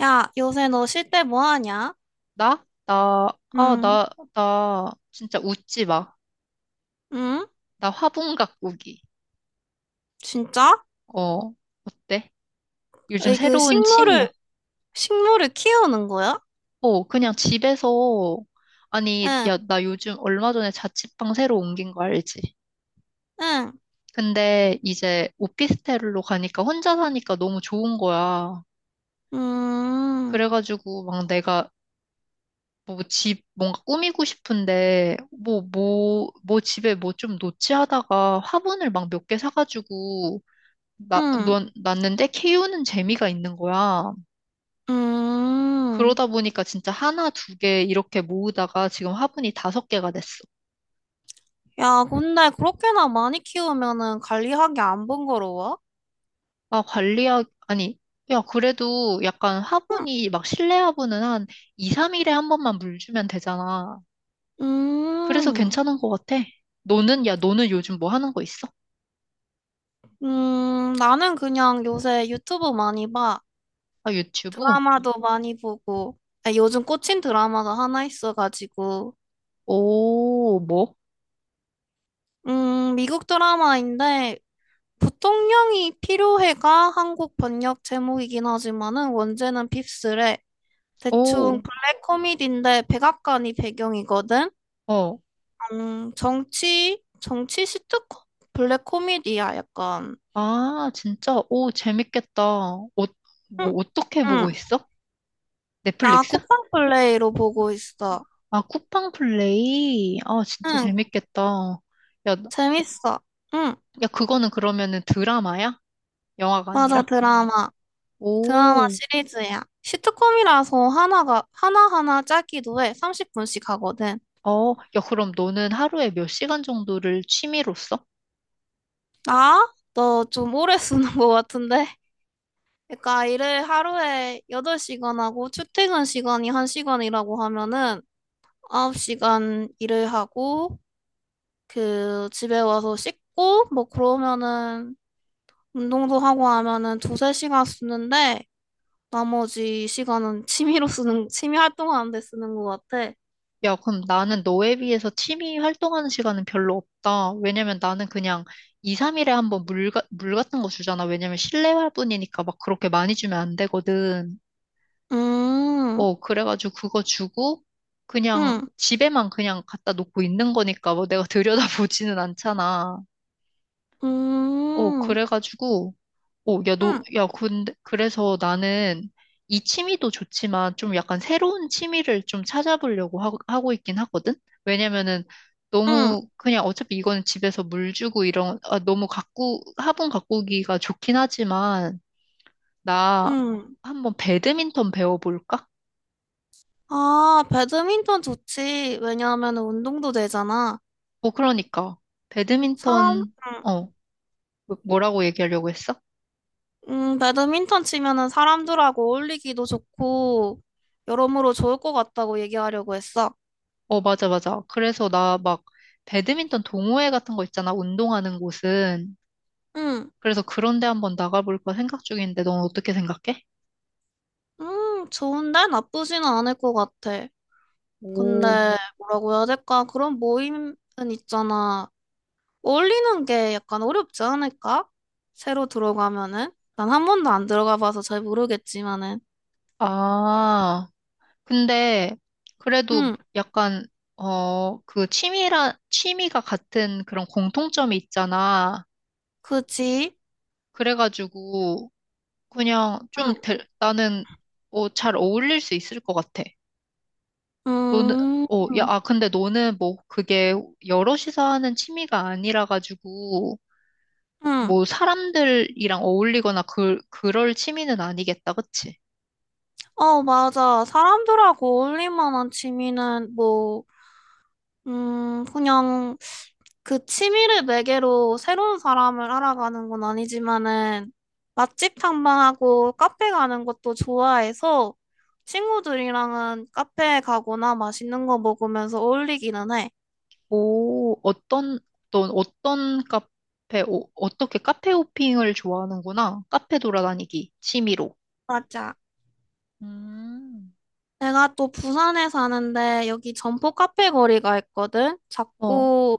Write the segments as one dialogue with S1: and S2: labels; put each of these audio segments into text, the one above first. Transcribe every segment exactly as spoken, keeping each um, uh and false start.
S1: 야, 요새 너 쉴 때 뭐 하냐?
S2: 나? 나, 아,
S1: 응,
S2: 나, 나, 진짜 웃지 마.
S1: 응?
S2: 나 화분 가꾸기.
S1: 진짜?
S2: 어. 어때? 요즘
S1: 에이, 그
S2: 새로운 취미야.
S1: 식물을, 식물을 키우는 거야?
S2: 어, 그냥 집에서, 아니,
S1: 응,
S2: 야, 나 요즘 얼마 전에 자취방 새로 옮긴 거 알지?
S1: 응,
S2: 근데 이제 오피스텔로 가니까 혼자 사니까 너무 좋은 거야.
S1: 음,
S2: 그래가지고 막 내가 뭐 집 뭔가 꾸미고 싶은데 뭐 뭐 뭐 집에 뭐 좀 놓지 하다가 화분을 막 몇 개 사가지고 나,
S1: 응,
S2: 넌, 났는데 케이유는 재미가 있는 거야.
S1: 음.
S2: 그러다 보니까 진짜 하나, 두 개 이렇게 모으다가 지금 화분이 다섯 개가 됐어.
S1: 야, 근데 그렇게나 많이 키우면은 관리하기 안 번거로워?
S2: 아, 관리하 아니, 야, 그래도 약간
S1: 응,
S2: 화분이 막 실내 화분은 한 이, 삼 일에 한 번만 물 주면 되잖아. 그래서
S1: 음,
S2: 괜찮은 것 같아. 너는, 야, 너는 요즘 뭐 하는 거 있어?
S1: 음, 나는 그냥 요새 유튜브 많이 봐.
S2: 아, 유튜브?
S1: 드라마도 많이 보고. 아, 요즘 꽂힌 드라마가 하나 있어가지고.
S2: 오, 뭐?
S1: 음, 미국 드라마인데, 부통령이 필요해가 한국 번역 제목이긴 하지만은 원제는 핍스래. 대충
S2: 오,
S1: 블랙 코미디인데 백악관이 배경이거든.
S2: 어.
S1: 음, 정치, 정치 시트콤? 블랙 코미디야, 약간.
S2: 아, 진짜? 오, 재밌겠다. 어, 뭐,
S1: 응,
S2: 어떻게
S1: 응.
S2: 보고 있어?
S1: 나
S2: 넷플릭스?
S1: 쿠팡 플레이로 보고 있어.
S2: 아, 쿠팡 플레이? 아, 진짜
S1: 응,
S2: 재밌겠다. 야, 나-
S1: 재밌어. 응,
S2: 야, 그거는 그러면은 드라마야? 영화가
S1: 맞아,
S2: 아니라?
S1: 드라마. 드라마
S2: 오,
S1: 시리즈야. 시트콤이라서 하나가, 하나하나 짧기도 해. 삼십 분씩 하거든.
S2: 어. 야, 그럼 너는 하루에 몇 시간 정도를 취미로 써?
S1: 나? 너 좀 오래 쓰는 것 같은데? 그러니까 일을 하루에 여덟 시간 하고 출퇴근 시간이 한 시간이라고 하면은 아홉 시간 일을 하고 그 집에 와서 씻고 뭐 그러면은 운동도 하고 하면은 두세 시간 쓰는데 나머지 시간은 취미로 쓰는 취미 활동하는 데 쓰는 것 같아.
S2: 야, 그럼 나는 너에 비해서 취미 활동하는 시간은 별로 없다. 왜냐면 나는 그냥 이, 삼 일에 한번 물, 가- 물 같은 거 주잖아. 왜냐면 실내 화분이니까 막 그렇게 많이 주면 안 되거든.
S1: 음,
S2: 어, 그래가지고 그거 주고 그냥
S1: 음,
S2: 집에만 그냥 갖다 놓고 있는 거니까 뭐 내가 들여다보지는 않잖아. 어,
S1: 음,
S2: 그래가지고 어, 야, 너,
S1: 음,
S2: 야, 근데 그래서 나는 이 취미도 좋지만 좀 약간 새로운 취미를 좀 찾아보려고 하, 하고 있긴 하거든? 왜냐면은
S1: 음,
S2: 너무 그냥 어차피 이거는 집에서 물 주고 이런 아, 너무 가꾸 화분 가꾸기가 좋긴 하지만 나
S1: 음.
S2: 한번 배드민턴 배워볼까?
S1: 아, 배드민턴 좋지. 왜냐하면 운동도 되잖아.
S2: 어, 그러니까.
S1: 사람
S2: 배드민턴.
S1: 음.
S2: 어, 뭐- 뭐라고 얘기하려고 했어?
S1: 음, 배드민턴 치면은 사람들하고 어울리기도 좋고, 여러모로 좋을 것 같다고 얘기하려고 했어.
S2: 어, 맞아, 맞아. 그래서 나 막, 배드민턴 동호회 같은 거 있잖아, 운동하는 곳은.
S1: 응,
S2: 그래서 그런 데 한번 나가볼까 생각 중인데, 넌 어떻게 생각해?
S1: 음, 좋은데? 나쁘지는 않을 것 같아. 근데,
S2: 오.
S1: 음. 뭐라고 해야 될까? 그런 모임은 있잖아. 어울리는 게 약간 어렵지 않을까? 새로 들어가면은? 난 한 번도 안 들어가 봐서 잘 모르겠지만은.
S2: 아, 근데, 그래도
S1: 응,
S2: 약간, 어, 그 취미라, 취미가 같은 그런 공통점이 있잖아.
S1: 그지?
S2: 그래가지고, 그냥
S1: 응,
S2: 좀, 될- 나는, 어, 잘 어울릴 수 있을 것 같아. 너는,
S1: 음,
S2: 어, 야, 아, 근데 너는 뭐 그게 여럿이서 하는 취미가 아니라 가지고
S1: 응.
S2: 뭐 사람들이랑 어울리거나 그, 그럴 취미는 아니겠다, 그치?
S1: 어, 맞아. 사람들하고 어울릴 만한 취미는 뭐, 음, 그냥 그 취미를 매개로 새로운 사람을 알아가는 건 아니지만은 맛집 탐방하고 카페 가는 것도 좋아해서 친구들이랑은 카페 가거나 맛있는 거 먹으면서 어울리기는 해.
S2: 오, 어떤, 넌 어떤 카페, 오, 어떻게 카페 호핑을 좋아하는구나. 카페 돌아다니기, 취미로.
S1: 맞아.
S2: 음.
S1: 내가 또 부산에 사는데 여기 점포 카페 거리가 있거든.
S2: 어,
S1: 작고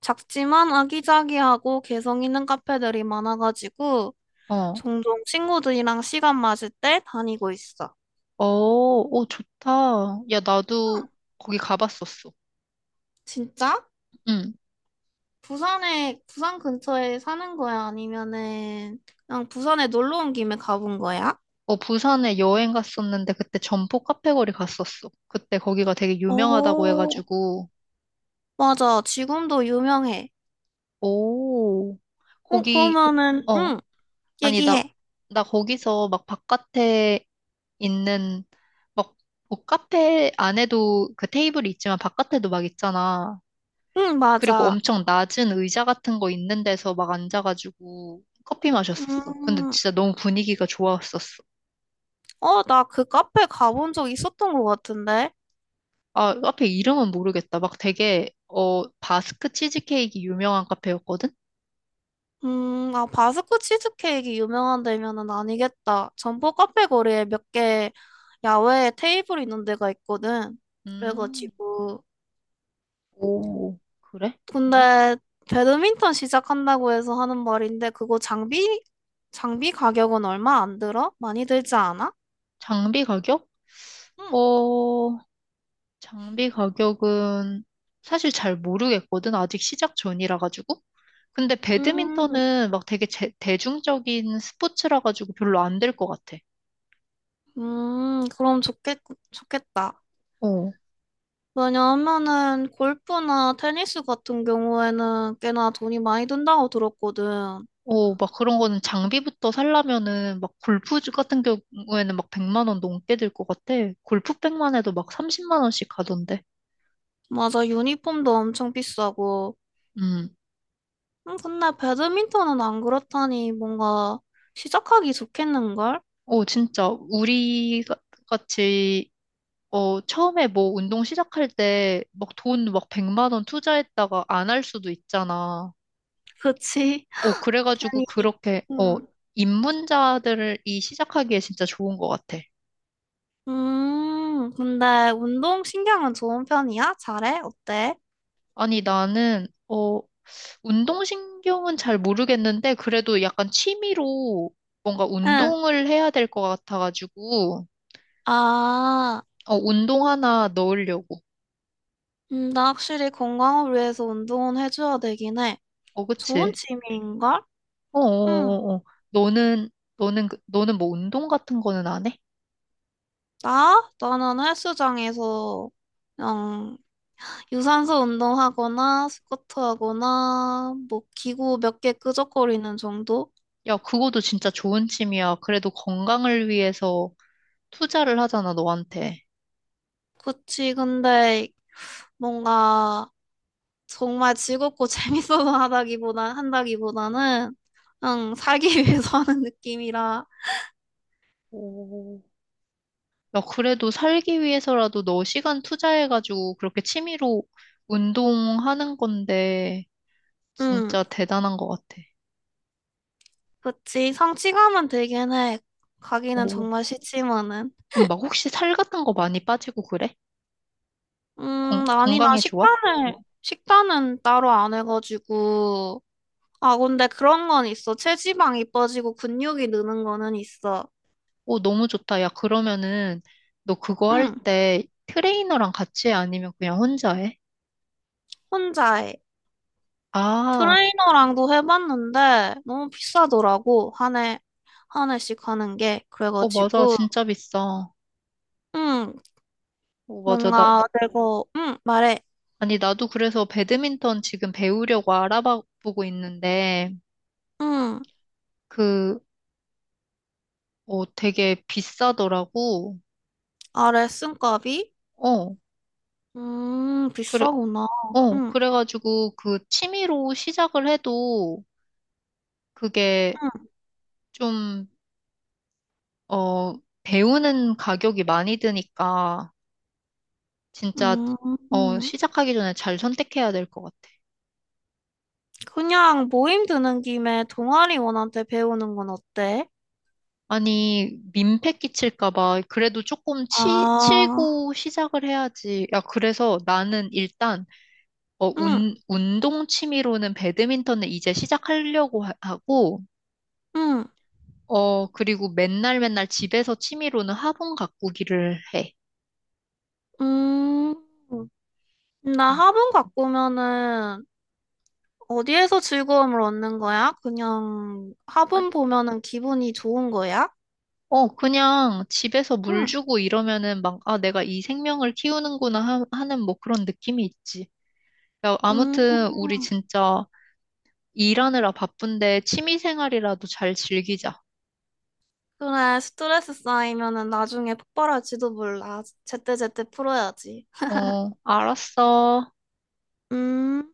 S1: 작지만 아기자기하고 개성 있는 카페들이 많아가지고
S2: 어,
S1: 종종 친구들이랑 시간 맞을 때 다니고 있어.
S2: 어. 오, 좋다. 야, 나도 거기 가봤었어.
S1: 진짜?
S2: 응.
S1: 부산에, 부산 근처에 사는 거야? 아니면은 그냥 부산에 놀러 온 김에 가본 거야?
S2: 어, 부산에 여행 갔었는데 그때 점포 카페거리 갔었어. 그때 거기가 되게 유명하다고
S1: 어,
S2: 해가지고.
S1: 맞아. 지금도 유명해.
S2: 오,
S1: 어,
S2: 거기,
S1: 그러면은,
S2: 어,
S1: 응,
S2: 아니, 나,
S1: 얘기해.
S2: 나 거기서 막 바깥에 있는, 막, 뭐 카페 안에도 그 테이블이 있지만 바깥에도 막 있잖아.
S1: 응,
S2: 그리고
S1: 맞아.
S2: 엄청 낮은 의자 같은 거 있는 데서 막 앉아가지고 커피 마셨었어. 근데
S1: 음,
S2: 진짜 너무 분위기가 좋았었어.
S1: 어, 나 그 카페 가본 적 있었던 것 같은데?
S2: 아, 카페 이름은 모르겠다. 막 되게, 어, 바스크 치즈케이크 유명한 카페였거든?
S1: 음, 아, 바스크 치즈케이크 유명한 데면은 아니겠다. 점포 카페 거리에 몇 개 야외에 테이블 있는 데가 있거든.
S2: 음.
S1: 그래가지고,
S2: 오, 그래?
S1: 근데 배드민턴 시작한다고 해서 하는 말인데 그거 장비 장비 가격은 얼마 안 들어? 많이 들지 않아?
S2: 장비 가격?
S1: 응.
S2: 어, 장비 가격은 사실 잘 모르겠거든. 아직 시작 전이라 가지고. 근데
S1: 음,
S2: 배드민턴은 막 되게 제- 대중적인 스포츠라 가지고 별로 안 될 것 같아.
S1: 음, 그럼 좋겠, 좋겠다.
S2: 어.
S1: 왜냐하면은 골프나 테니스 같은 경우에는 꽤나 돈이 많이 든다고 들었거든.
S2: 어, 막 그런 거는 장비부터 살려면은 막 골프 같은 경우에는 막 백만 원 넘게 들 것 같아. 골프백만 해도 막 삼십만 원씩 가던데.
S1: 맞아, 유니폼도 엄청 비싸고.
S2: 음.
S1: 음, 근데 배드민턴은 안 그렇다니 뭔가 시작하기 좋겠는걸?
S2: 어, 진짜, 우리 가- 같이, 어, 처음에 뭐 운동 시작할 때, 막 돈 막 백만 원 투자했다가 안 할 수도 있잖아.
S1: 그치?
S2: 어, 그래가지고
S1: 괜히.
S2: 그렇게, 어,
S1: 음.
S2: 입문자들이 시작하기에 진짜 좋은 것 같아.
S1: 음, 근데 운동 신경은 좋은 편이야? 잘해? 어때?
S2: 아니, 나는, 어, 운동신경은 잘 모르겠는데, 그래도 약간 취미로 뭔가
S1: 어, 응.
S2: 운동을 해야 될 것 같아가지고,
S1: 아,
S2: 어, 운동 하나 넣으려고.
S1: 음, 나 확실히 건강을 위해서 운동은 해줘야 되긴 해.
S2: 어,
S1: 좋은
S2: 그치?
S1: 취미인걸?
S2: 어,
S1: 응.
S2: 어, 어, 어. 너는, 너는, 그- 너는 뭐 운동 같은 거는 안 해?
S1: 나? 나는 헬스장에서 그냥 유산소 운동하거나 스쿼트 하거나 뭐 기구 몇 개 끄적거리는 정도?
S2: 야, 그거도 진짜 좋은 취미야. 그래도 건강을 위해서 투자를 하잖아, 너한테.
S1: 그치, 근데 뭔가 정말 즐겁고 재밌어서 하다기보다 한다기보다는 그냥 살기 위해서 하는 느낌이라.
S2: 오. 야, 그래도 살기 위해서라도 너 시간 투자해가지고 그렇게 취미로 운동하는 건데,
S1: 응,
S2: 진짜 대단한 것 같아.
S1: 그치. 성취감은 되긴 해. 가기는
S2: 오.
S1: 정말 싫지만은.
S2: 그럼 막 혹시 살 같은 거 많이 빠지고 그래?
S1: 음,
S2: 건,
S1: 아니, 나
S2: 건강에 좋아?
S1: 식단을, 식단은 따로 안 해가지고. 아, 근데 그런 건 있어. 체지방이 빠지고 근육이 느는 거는 있어.
S2: 오, 너무 좋다. 야, 그러면은 너 그거 할
S1: 응,
S2: 때 트레이너랑 같이 해? 아니면 그냥 혼자 해?
S1: 혼자 해.
S2: 아,
S1: 트레이너랑도 해봤는데 너무 비싸더라고. 한 해, 한 해씩 하는 게.
S2: 어, 맞아.
S1: 그래가지고.
S2: 진짜 비싸. 어,
S1: 응,
S2: 맞아. 나,
S1: 뭔가 내가 응 말해
S2: 아니, 나도 그래서 배드민턴 지금 배우려고 알아보고 있는데,
S1: 응
S2: 그, 어, 되게 비싸더라고.
S1: 아래 쓴값이
S2: 어,
S1: 음
S2: 그래.
S1: 비싸구나
S2: 어,
S1: 응
S2: 그래가지고 그 취미로 시작을 해도 그게 좀, 어, 배우는 가격이 많이 드니까 진짜,
S1: 음,
S2: 어,
S1: 음.
S2: 시작하기 전에 잘 선택해야 될 것 같아.
S1: 그냥 모임 드는 김에 동아리원한테 배우는 건 어때?
S2: 아니, 민폐 끼칠까 봐. 그래도 조금 치,
S1: 아,
S2: 치고 시작을 해야지. 야, 그래서 나는 일단, 어,
S1: 응,
S2: 운, 운동 취미로는 배드민턴을 이제 시작하려고 하- 하고,
S1: 응,
S2: 어, 그리고 맨날 맨날 집에서 취미로는 화분 가꾸기를 해.
S1: 음. 나
S2: 음.
S1: 화분 가꾸면은 어디에서 즐거움을 얻는 거야? 그냥
S2: 아,
S1: 화분 보면은 기분이 좋은 거야?
S2: 어, 그냥 집에서 물
S1: 응,
S2: 주고 이러면은 막, 아, 내가 이 생명을 키우는구나 하, 하는 뭐 그런 느낌이 있지. 야,
S1: 음.
S2: 아무튼 우리 진짜 일하느라 바쁜데 취미 생활이라도 잘 즐기자.
S1: 그래, 스트레스 쌓이면은 나중에 폭발할지도 몰라. 제때제때 풀어야지.
S2: 어, 알았어.
S1: 음.